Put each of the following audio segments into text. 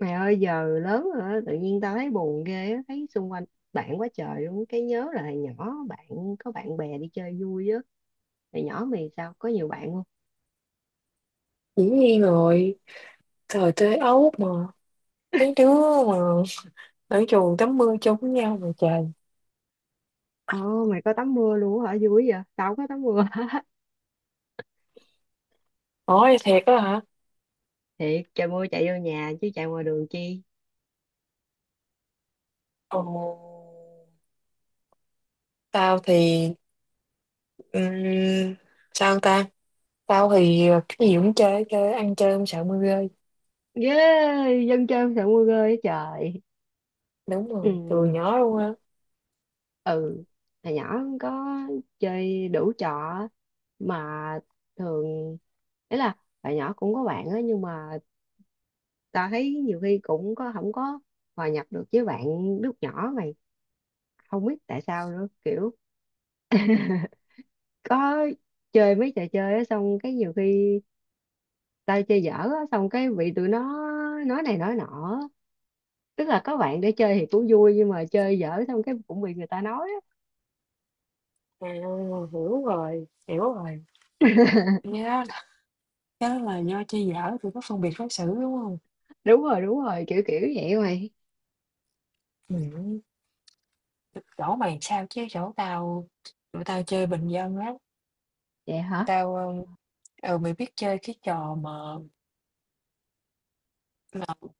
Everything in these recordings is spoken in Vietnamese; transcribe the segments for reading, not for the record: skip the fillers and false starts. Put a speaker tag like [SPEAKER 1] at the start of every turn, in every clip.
[SPEAKER 1] Mày ơi giờ lớn rồi á, tự nhiên tao thấy buồn ghê á, thấy xung quanh bạn quá trời luôn, cái nhớ là hồi nhỏ bạn có bạn bè đi chơi vui á. Hồi nhỏ mày sao có nhiều bạn không?
[SPEAKER 2] Dĩ nhiên rồi, thời tới Ấu mà. Mấy đứa mà ở trường tắm mưa chung với nhau mà trời.
[SPEAKER 1] Ồ mày có tắm mưa luôn á hả, vui vậy, tao không có tắm mưa.
[SPEAKER 2] Nói thiệt đó hả?
[SPEAKER 1] Thiệt, trời mưa chạy vô nhà chứ chạy ngoài đường chi.
[SPEAKER 2] Ồ, tao thì, ừm, sao ta? Tao thì cái gì cũng chơi, chơi ăn chơi không sợ mưa rơi.
[SPEAKER 1] Yeah, dân chơi không sợ mưa ghê á trời.
[SPEAKER 2] Đúng rồi, từ
[SPEAKER 1] Ừ,
[SPEAKER 2] nhỏ luôn á.
[SPEAKER 1] ừ, hồi nhỏ không có chơi đủ trò á, mà thường ý là hồi nhỏ cũng có bạn á nhưng mà tao thấy nhiều khi cũng có không có hòa nhập được với bạn lúc nhỏ mày, không biết tại sao nữa, kiểu có chơi mấy trò chơi á xong cái nhiều khi tao chơi dở á xong cái bị tụi nó nói này nói nọ. Tức là có bạn để chơi thì cũng vui nhưng mà chơi dở xong cái cũng bị người ta nói á.
[SPEAKER 2] À, hiểu rồi, hiểu rồi. Nhớ là, nhớ là do chơi dở tụi nó phân biệt đối xử đúng không?
[SPEAKER 1] Đúng rồi, đúng rồi, kiểu kiểu vậy mày.
[SPEAKER 2] Ừ. Chỗ mày sao chứ chỗ tao. Tụi tao chơi bình dân lắm.
[SPEAKER 1] Vậy
[SPEAKER 2] Tụi
[SPEAKER 1] hả.
[SPEAKER 2] tao Ừ, mày biết chơi cái trò mà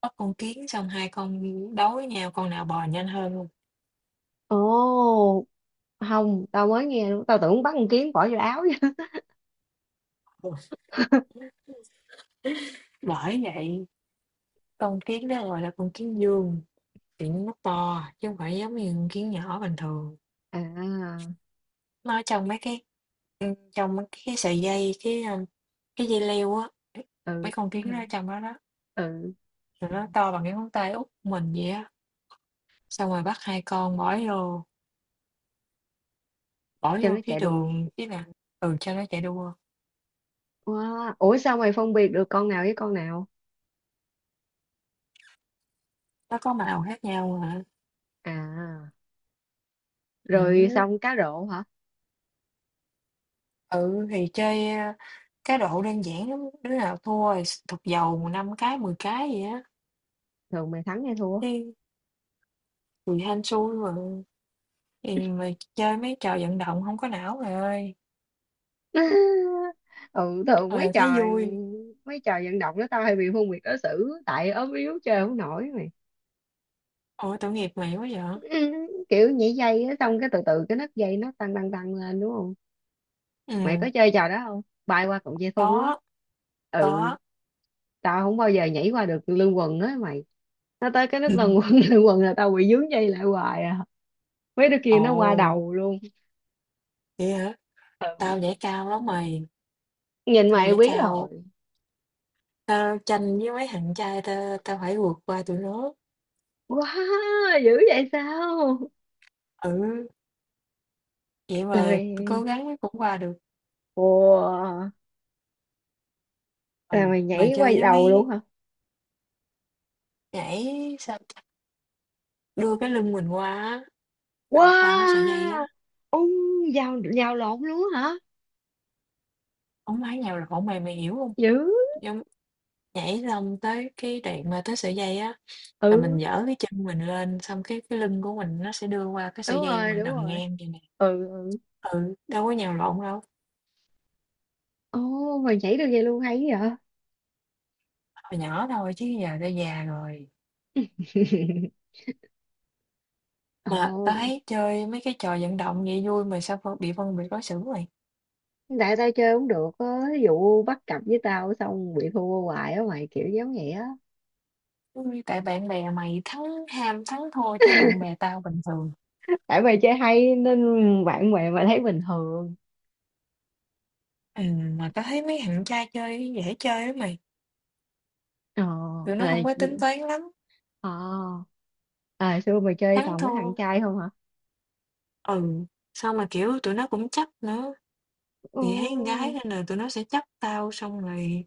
[SPEAKER 2] bắt con kiến xong hai con đấu với nhau con nào bò nhanh hơn hông?
[SPEAKER 1] Ồ không, tao mới nghe luôn, tao tưởng bắn con kiến bỏ vô áo chứ.
[SPEAKER 2] Ừ. Bởi vậy con kiến đó gọi là con kiến vương, thì nó to chứ không phải giống như con kiến nhỏ bình thường.
[SPEAKER 1] À.
[SPEAKER 2] Nó trong mấy cái sợi dây, cái dây leo á,
[SPEAKER 1] Ừ,
[SPEAKER 2] mấy con
[SPEAKER 1] ừ,
[SPEAKER 2] kiến nó ở trong đó đó,
[SPEAKER 1] ừ,
[SPEAKER 2] rồi nó to bằng cái ngón tay út của mình vậy á, xong rồi bắt hai con bỏ vô bỏ
[SPEAKER 1] cho nó
[SPEAKER 2] vô cái
[SPEAKER 1] chạy đua.
[SPEAKER 2] đường cái là, ừ, cho nó chạy đua,
[SPEAKER 1] Wow. Ủa sao mày phân biệt được con nào với con nào?
[SPEAKER 2] nó có màu khác nhau hả?
[SPEAKER 1] À, rồi
[SPEAKER 2] Ừm.
[SPEAKER 1] xong cá rổ hả?
[SPEAKER 2] Ừ, thì cá độ đơn giản lắm, đứa nào thua thì thục dầu 5 cái, 10 cái vậy á,
[SPEAKER 1] Thường mày thắng hay thua?
[SPEAKER 2] chứ tùy hên xui mà. Thì mà chơi mấy trò vận động không có não rồi ơi,
[SPEAKER 1] Ừ, thường mấy
[SPEAKER 2] mà thấy
[SPEAKER 1] trò,
[SPEAKER 2] vui.
[SPEAKER 1] mấy trò vận động đó tao hay bị phân biệt đối xử tại ốm yếu chơi không nổi mày.
[SPEAKER 2] Ôi, tội nghiệp mày quá vậy?
[SPEAKER 1] Ừ, kiểu nhảy dây á xong cái từ từ cái nấc dây nó tăng tăng tăng lên đúng không? Mày có
[SPEAKER 2] Ừm,
[SPEAKER 1] chơi trò đó không? Bay qua cọng dây thun á.
[SPEAKER 2] có,
[SPEAKER 1] Ừ,
[SPEAKER 2] có.
[SPEAKER 1] tao không bao giờ nhảy qua được lưng quần á mày. Nó tới cái nấc lần quần lưng quần là tao bị vướng dây lại hoài à. Mấy đứa kia nó qua
[SPEAKER 2] Ồ,
[SPEAKER 1] đầu luôn.
[SPEAKER 2] vậy hả? Tao nhảy cao lắm mày,
[SPEAKER 1] Nhìn
[SPEAKER 2] tao
[SPEAKER 1] mày
[SPEAKER 2] nhảy
[SPEAKER 1] quý
[SPEAKER 2] cao,
[SPEAKER 1] rồi.
[SPEAKER 2] tao tranh với mấy thằng trai tao tao phải vượt qua tụi nó.
[SPEAKER 1] Wow, dữ vậy sao.
[SPEAKER 2] Ừ, vậy
[SPEAKER 1] Là
[SPEAKER 2] mà
[SPEAKER 1] mày.
[SPEAKER 2] cố gắng cũng qua được.
[SPEAKER 1] Wow.
[SPEAKER 2] Ừ,
[SPEAKER 1] Là mày
[SPEAKER 2] mà
[SPEAKER 1] nhảy
[SPEAKER 2] chơi
[SPEAKER 1] quay
[SPEAKER 2] với
[SPEAKER 1] đầu
[SPEAKER 2] mấy
[SPEAKER 1] luôn hả.
[SPEAKER 2] nhảy sao Đưa cái lưng mình qua á, bạn qua cái sợi dây á,
[SPEAKER 1] Wow. Ông. Vào vào lộn luôn hả.
[SPEAKER 2] hổng phải nhào lộn mày, mày hiểu hông?
[SPEAKER 1] Dữ.
[SPEAKER 2] Giống nhảy xong tới cái đoạn mà tới sợi dây á, là mình
[SPEAKER 1] Ừ,
[SPEAKER 2] giở cái chân mình lên, xong cái lưng của mình nó sẽ đưa qua cái
[SPEAKER 1] đúng
[SPEAKER 2] sợi dây
[SPEAKER 1] rồi,
[SPEAKER 2] mà
[SPEAKER 1] đúng
[SPEAKER 2] nằm
[SPEAKER 1] rồi.
[SPEAKER 2] ngang vậy nè.
[SPEAKER 1] Ừ, ừ.
[SPEAKER 2] Ừ, đâu có nhào lộn đâu,
[SPEAKER 1] Ồ mày nhảy được vậy luôn hay vậy.
[SPEAKER 2] hồi nhỏ thôi chứ giờ đã già rồi. Mà tao
[SPEAKER 1] Ồ.
[SPEAKER 2] thấy chơi mấy cái trò vận động vậy vui mà sao phân biệt đối xử vậy?
[SPEAKER 1] Tại tao chơi cũng được á, ví dụ bắt cặp với tao xong bị thua hoài á mày, kiểu giống vậy á.
[SPEAKER 2] Ôi, tại bạn bè mày thắng ham thắng thua chứ bạn bè tao bình thường.
[SPEAKER 1] Tại mày chơi hay nên bạn bè mà thấy bình thường.
[SPEAKER 2] Mà tao thấy mấy thằng trai chơi dễ chơi lắm mày,
[SPEAKER 1] Ờ.
[SPEAKER 2] tụi nó
[SPEAKER 1] À.
[SPEAKER 2] hông có tính toán lắm.
[SPEAKER 1] Ờ. À xưa mày chơi
[SPEAKER 2] Thắng
[SPEAKER 1] toàn với
[SPEAKER 2] thua,
[SPEAKER 1] thằng trai không hả.
[SPEAKER 2] ừ, xong mà, kiểu, tụi nó cũng chấp nữa,
[SPEAKER 1] Ồ.
[SPEAKER 2] thì thấy con gái nên là tụi nó sẽ chấp tao, xong rồi,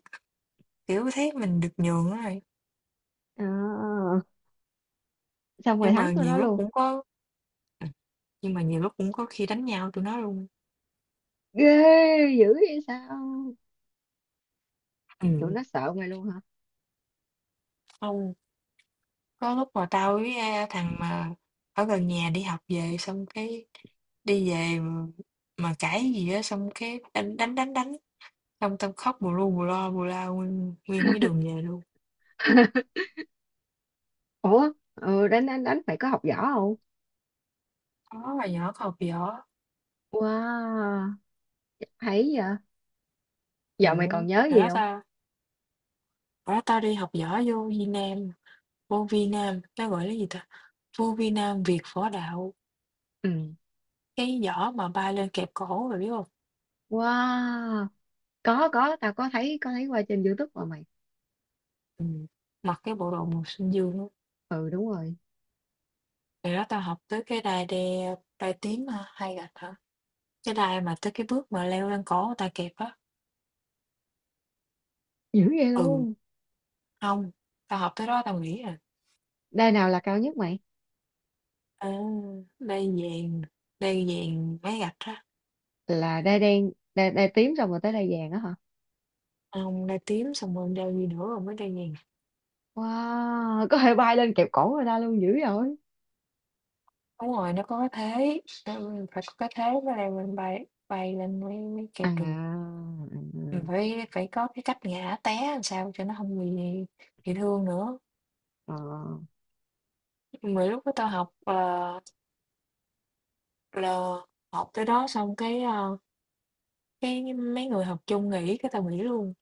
[SPEAKER 2] kiểu, thấy mình được nhường á rồi.
[SPEAKER 1] À, xong mày
[SPEAKER 2] Nhưng
[SPEAKER 1] thắng
[SPEAKER 2] mà
[SPEAKER 1] tụi nó
[SPEAKER 2] nhiều lúc
[SPEAKER 1] luôn.
[SPEAKER 2] cũng có ừm, nhưng mà nhiều lúc cũng có khi đánh nhau tụi nó luôn.
[SPEAKER 1] Ghê. Dữ vậy sao. Tụi
[SPEAKER 2] Ừm,
[SPEAKER 1] nó sợ mày luôn hả.
[SPEAKER 2] xong có lúc mà tao với, thằng mà ở gần nhà đi học về, xong cái đi về mà cãi gì á, xong cái đánh đánh, đánh, đánh, xong tao khóc bù lu bù loa, bù la nguyên nguyên cái đường về luôn.
[SPEAKER 1] Ủa, ừ, đánh đánh đánh, mày có học võ không.
[SPEAKER 2] Có, hồi nhỏ còn học võ,
[SPEAKER 1] Wow, thấy vậy.
[SPEAKER 2] ừ
[SPEAKER 1] Giờ mày còn nhớ
[SPEAKER 2] phải
[SPEAKER 1] gì
[SPEAKER 2] đó
[SPEAKER 1] không.
[SPEAKER 2] tao. Ủa, tao đi học võ vô Việt Nam, vô Vi Nam, nó gọi là gì ta? Vô Vi Nam Việt Võ Đạo,
[SPEAKER 1] Ừ.
[SPEAKER 2] cái võ mà bay lên kẹp cổ rồi biết không?
[SPEAKER 1] Wow. Có, tao có thấy, qua trên YouTube mà mày.
[SPEAKER 2] Ừ. Mặc cái bộ đồ màu xanh dương đó.
[SPEAKER 1] Ừ, đúng rồi.
[SPEAKER 2] Rồi đó tao học tới cái đai tím hả? Hay gạch hả? Cái đai mà tới cái bước mà leo lên cổ người ta kẹp á.
[SPEAKER 1] Dữ vậy
[SPEAKER 2] Ừ,
[SPEAKER 1] luôn.
[SPEAKER 2] không, tao học tới đó tao nghĩ à.
[SPEAKER 1] Đai nào là cao nhất mày.
[SPEAKER 2] À, đai vàng, đai vàng mấy gạch á.
[SPEAKER 1] Là đai đen, đai, đai tím xong rồi tới đai vàng á hả.
[SPEAKER 2] Không, đai tím xong rồi đai gì nữa rồi mới đai vàng.
[SPEAKER 1] Wow, có thể bay lên kẹp cổ người ta luôn, dữ rồi.
[SPEAKER 2] Đúng rồi, nó có cái thế, phải có cái thế mới leo mình bay bay lên mới mới
[SPEAKER 1] À,
[SPEAKER 2] kẹp được.
[SPEAKER 1] à,
[SPEAKER 2] Mình
[SPEAKER 1] à.
[SPEAKER 2] phải phải có cái cách ngã té làm sao cho nó hông bị thương nữa.
[SPEAKER 1] Ờ.
[SPEAKER 2] Mà lúc đó tao học, ờ, là học tới đó xong cái mấy người học chung nghỉ cái tao nghỉ luôn.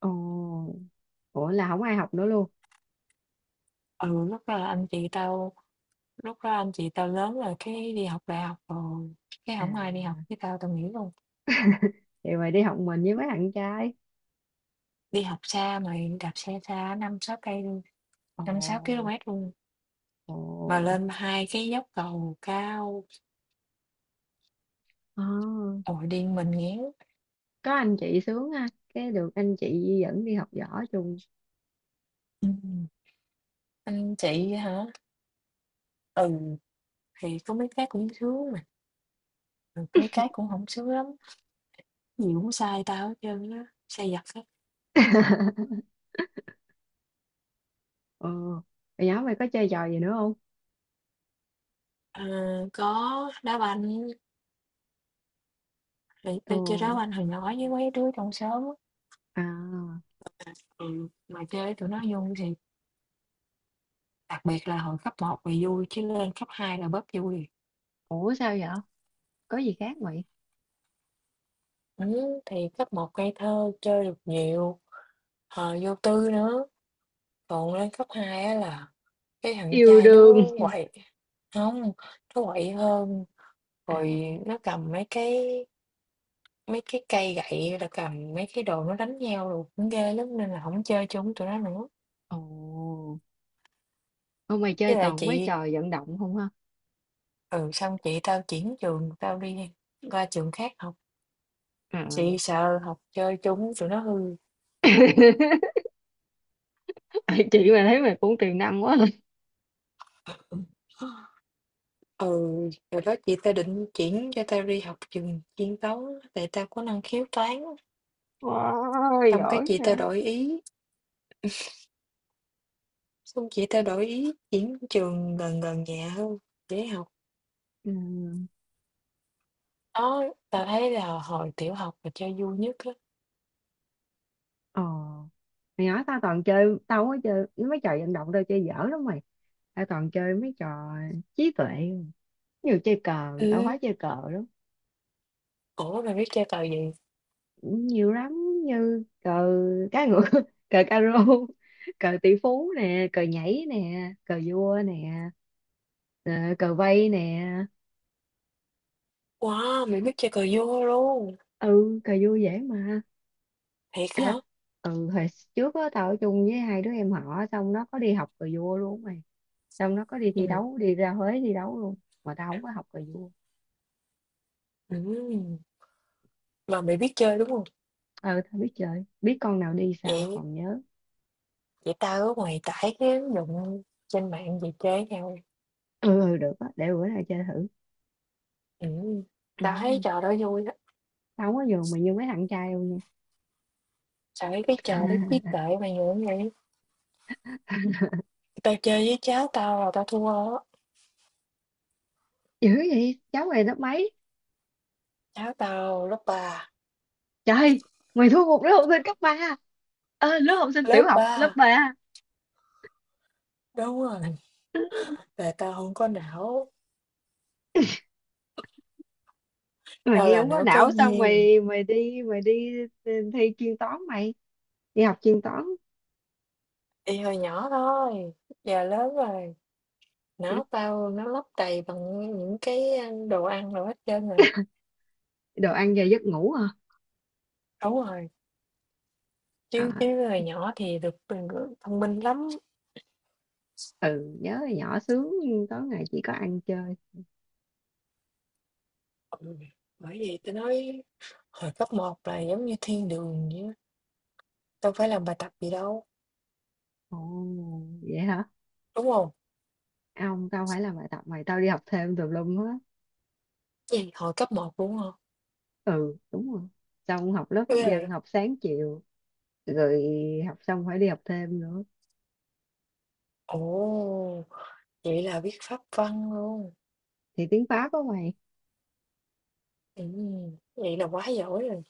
[SPEAKER 1] Ồ. Ủa là không ai học nữa luôn.
[SPEAKER 2] Ừ, lúc đó anh chị tao lớn rồi cái đi học đại học rồi, cái
[SPEAKER 1] À
[SPEAKER 2] hổng ai đi học với tao, tao nghỉ luôn.
[SPEAKER 1] vậy mà đi học mình với mấy bạn trai.
[SPEAKER 2] Đi học xa mà đạp xe xa 5-6 cây luôn, 5-6
[SPEAKER 1] Ồ.
[SPEAKER 2] ki-lô-mét luôn.
[SPEAKER 1] Ồ.
[SPEAKER 2] Mà lên 2 cái dốc cầu cao,
[SPEAKER 1] Ờ,
[SPEAKER 2] ồi, điên mình ngéo.
[SPEAKER 1] có anh chị sướng ha, cái được anh chị dẫn đi học võ chung.
[SPEAKER 2] Ừm, anh chị hả? Ừ, thì có mấy cái cũng sướng mà, rồi mấy cái cũng không sướng lắm, gì cũng sai tao hết trơn á, sai vặt hết.
[SPEAKER 1] Ờ. Hồi nhỏ mày có chơi trò gì nữa không.
[SPEAKER 2] Ờ, có đá banh, thì
[SPEAKER 1] Ồ.
[SPEAKER 2] tao chơi đá banh hồi nhỏ với mấy đứa trong xóm á,
[SPEAKER 1] À.
[SPEAKER 2] ừ, mà chơi với tụi nó vui thì đặc biệt là hồi cấp một là vui chứ lên cấp 2 là bớt vui.
[SPEAKER 1] Ủa sao vậy, có gì khác mày.
[SPEAKER 2] Ừm, thì cấp một ngây thơ, chơi được nhiều, vô tư nữa, còn lên cấp 2 á là cái thằng
[SPEAKER 1] Yêu
[SPEAKER 2] trai nó
[SPEAKER 1] đương.
[SPEAKER 2] quậy. Không, nó quậy hơn,
[SPEAKER 1] À.
[SPEAKER 2] rồi nó cầm mấy cái cây gậy, là cầm mấy cái đồ nó đánh nhau đồ cũng ghê lắm nên là không chơi chung tụi nó nữa.
[SPEAKER 1] Ồ không, mày chơi
[SPEAKER 2] Với lại
[SPEAKER 1] toàn mấy
[SPEAKER 2] chị
[SPEAKER 1] trò vận động không ha.
[SPEAKER 2] ừ, xong chị tao chuyển trường, tao đi qua trường khác học, chị
[SPEAKER 1] À.
[SPEAKER 2] sợ học chơi chung tụi nó hư.
[SPEAKER 1] Chị mà thấy mày cũng tiềm năng quá.
[SPEAKER 2] Ừ, rồi đó chị tao định chuyển cho tao đi học trường chuyên toán tại tao có năng khiếu toán,
[SPEAKER 1] Wow,
[SPEAKER 2] xong cái
[SPEAKER 1] giỏi
[SPEAKER 2] chị
[SPEAKER 1] vậy.
[SPEAKER 2] tao đổi ý. Xong chị ta đổi ý chuyển trường gần gần nhà hơn để học.
[SPEAKER 1] Ừ.
[SPEAKER 2] Đó, tao thấy là hồi tiểu học mà chơi vui nhất á.
[SPEAKER 1] Ờ mày nói, tao toàn chơi, tao không có chơi mấy trò vận động, tao chơi dở lắm mày. Tao toàn chơi mấy trò trí tuệ nhiều, chơi cờ, tao
[SPEAKER 2] Ừ.
[SPEAKER 1] khoái chơi cờ lắm.
[SPEAKER 2] Ủa mày biết chơi cờ gì?
[SPEAKER 1] Nhiều lắm, như cờ cá ngựa, cờ caro, cờ tỷ phú nè, cờ nhảy nè, cờ vua nè, ờ, cờ vây nè.
[SPEAKER 2] Wow, mày biết chơi cờ vua luôn.
[SPEAKER 1] Ừ cờ vua dễ mà.
[SPEAKER 2] Thiệt
[SPEAKER 1] Ý
[SPEAKER 2] hả?
[SPEAKER 1] là, ừ hồi trước á tao ở chung với hai đứa em họ xong nó có đi học cờ vua luôn mày. Trong nó có đi thi
[SPEAKER 2] Ừ.
[SPEAKER 1] đấu, đi ra Huế thi đấu luôn. Mà tao không có học cờ vua.
[SPEAKER 2] Ừ. Mà mày biết chơi đúng không?
[SPEAKER 1] Ừ tao biết chơi, biết con nào đi sao,
[SPEAKER 2] Vậy
[SPEAKER 1] còn nhớ.
[SPEAKER 2] Vậy tao ở ngoài tải cái ứng dụng trên mạng về chơi với nhau.
[SPEAKER 1] Ừ, ừ, được á, để bữa nào chơi thử.
[SPEAKER 2] Ừ.
[SPEAKER 1] Ừ.
[SPEAKER 2] Tao thấy trò đó vui á.
[SPEAKER 1] Tao không có giường mà như mấy thằng trai đâu nha.
[SPEAKER 2] Tao thấy cái trò đó trí tuệ mà nhiều như vậy. Tao chơi với cháu tao là tao thua á.
[SPEAKER 1] Dữ vậy, cháu mày lớp mấy.
[SPEAKER 2] Cháu tao lớp ba.
[SPEAKER 1] Trời, mày thua một đứa học sinh cấp ba. Ờ, lớp học sinh tiểu
[SPEAKER 2] Lớp
[SPEAKER 1] học lớp
[SPEAKER 2] ba.
[SPEAKER 1] ba.
[SPEAKER 2] Đúng rồi. Là tao không có não, tao
[SPEAKER 1] Mày
[SPEAKER 2] là
[SPEAKER 1] không có
[SPEAKER 2] não cái
[SPEAKER 1] não sao
[SPEAKER 2] duyên,
[SPEAKER 1] mày mày đi mày đi. Ừ, thi chuyên toán mày, đi học chuyên toán.
[SPEAKER 2] y hồi nhỏ thôi, giờ lớn rồi, não tao nó lấp đầy bằng những cái, đồ ăn rồi hết trơn rồi.
[SPEAKER 1] Đồ ăn về giấc ngủ hả.
[SPEAKER 2] Đúng rồi, chứ
[SPEAKER 1] À,
[SPEAKER 2] chứ hồi nhỏ thì được bình gượng thông minh lắm.
[SPEAKER 1] ừ nhớ hồi nhỏ sướng, toán ngày chỉ có ăn chơi.
[SPEAKER 2] Ừ, bởi vì tao nói hồi cấp một là giống như thiên đường vậy á, đâu phải làm bài tập gì đâu,
[SPEAKER 1] Ồ, vậy hả?
[SPEAKER 2] đúng không?
[SPEAKER 1] À, ông tao phải làm bài tập mày, tao đi học thêm tùm lum hết.
[SPEAKER 2] Gì, hồi cấp một đúng không?
[SPEAKER 1] Ừ, đúng rồi. Xong học lớp
[SPEAKER 2] Ghê
[SPEAKER 1] pháp văn,
[SPEAKER 2] vậy?
[SPEAKER 1] học sáng chiều, rồi học xong phải đi học thêm nữa.
[SPEAKER 2] Ồ, vậy là biết pháp văn luôn,
[SPEAKER 1] Thì tiếng Pháp á mày.
[SPEAKER 2] vậy là quá giỏi rồi.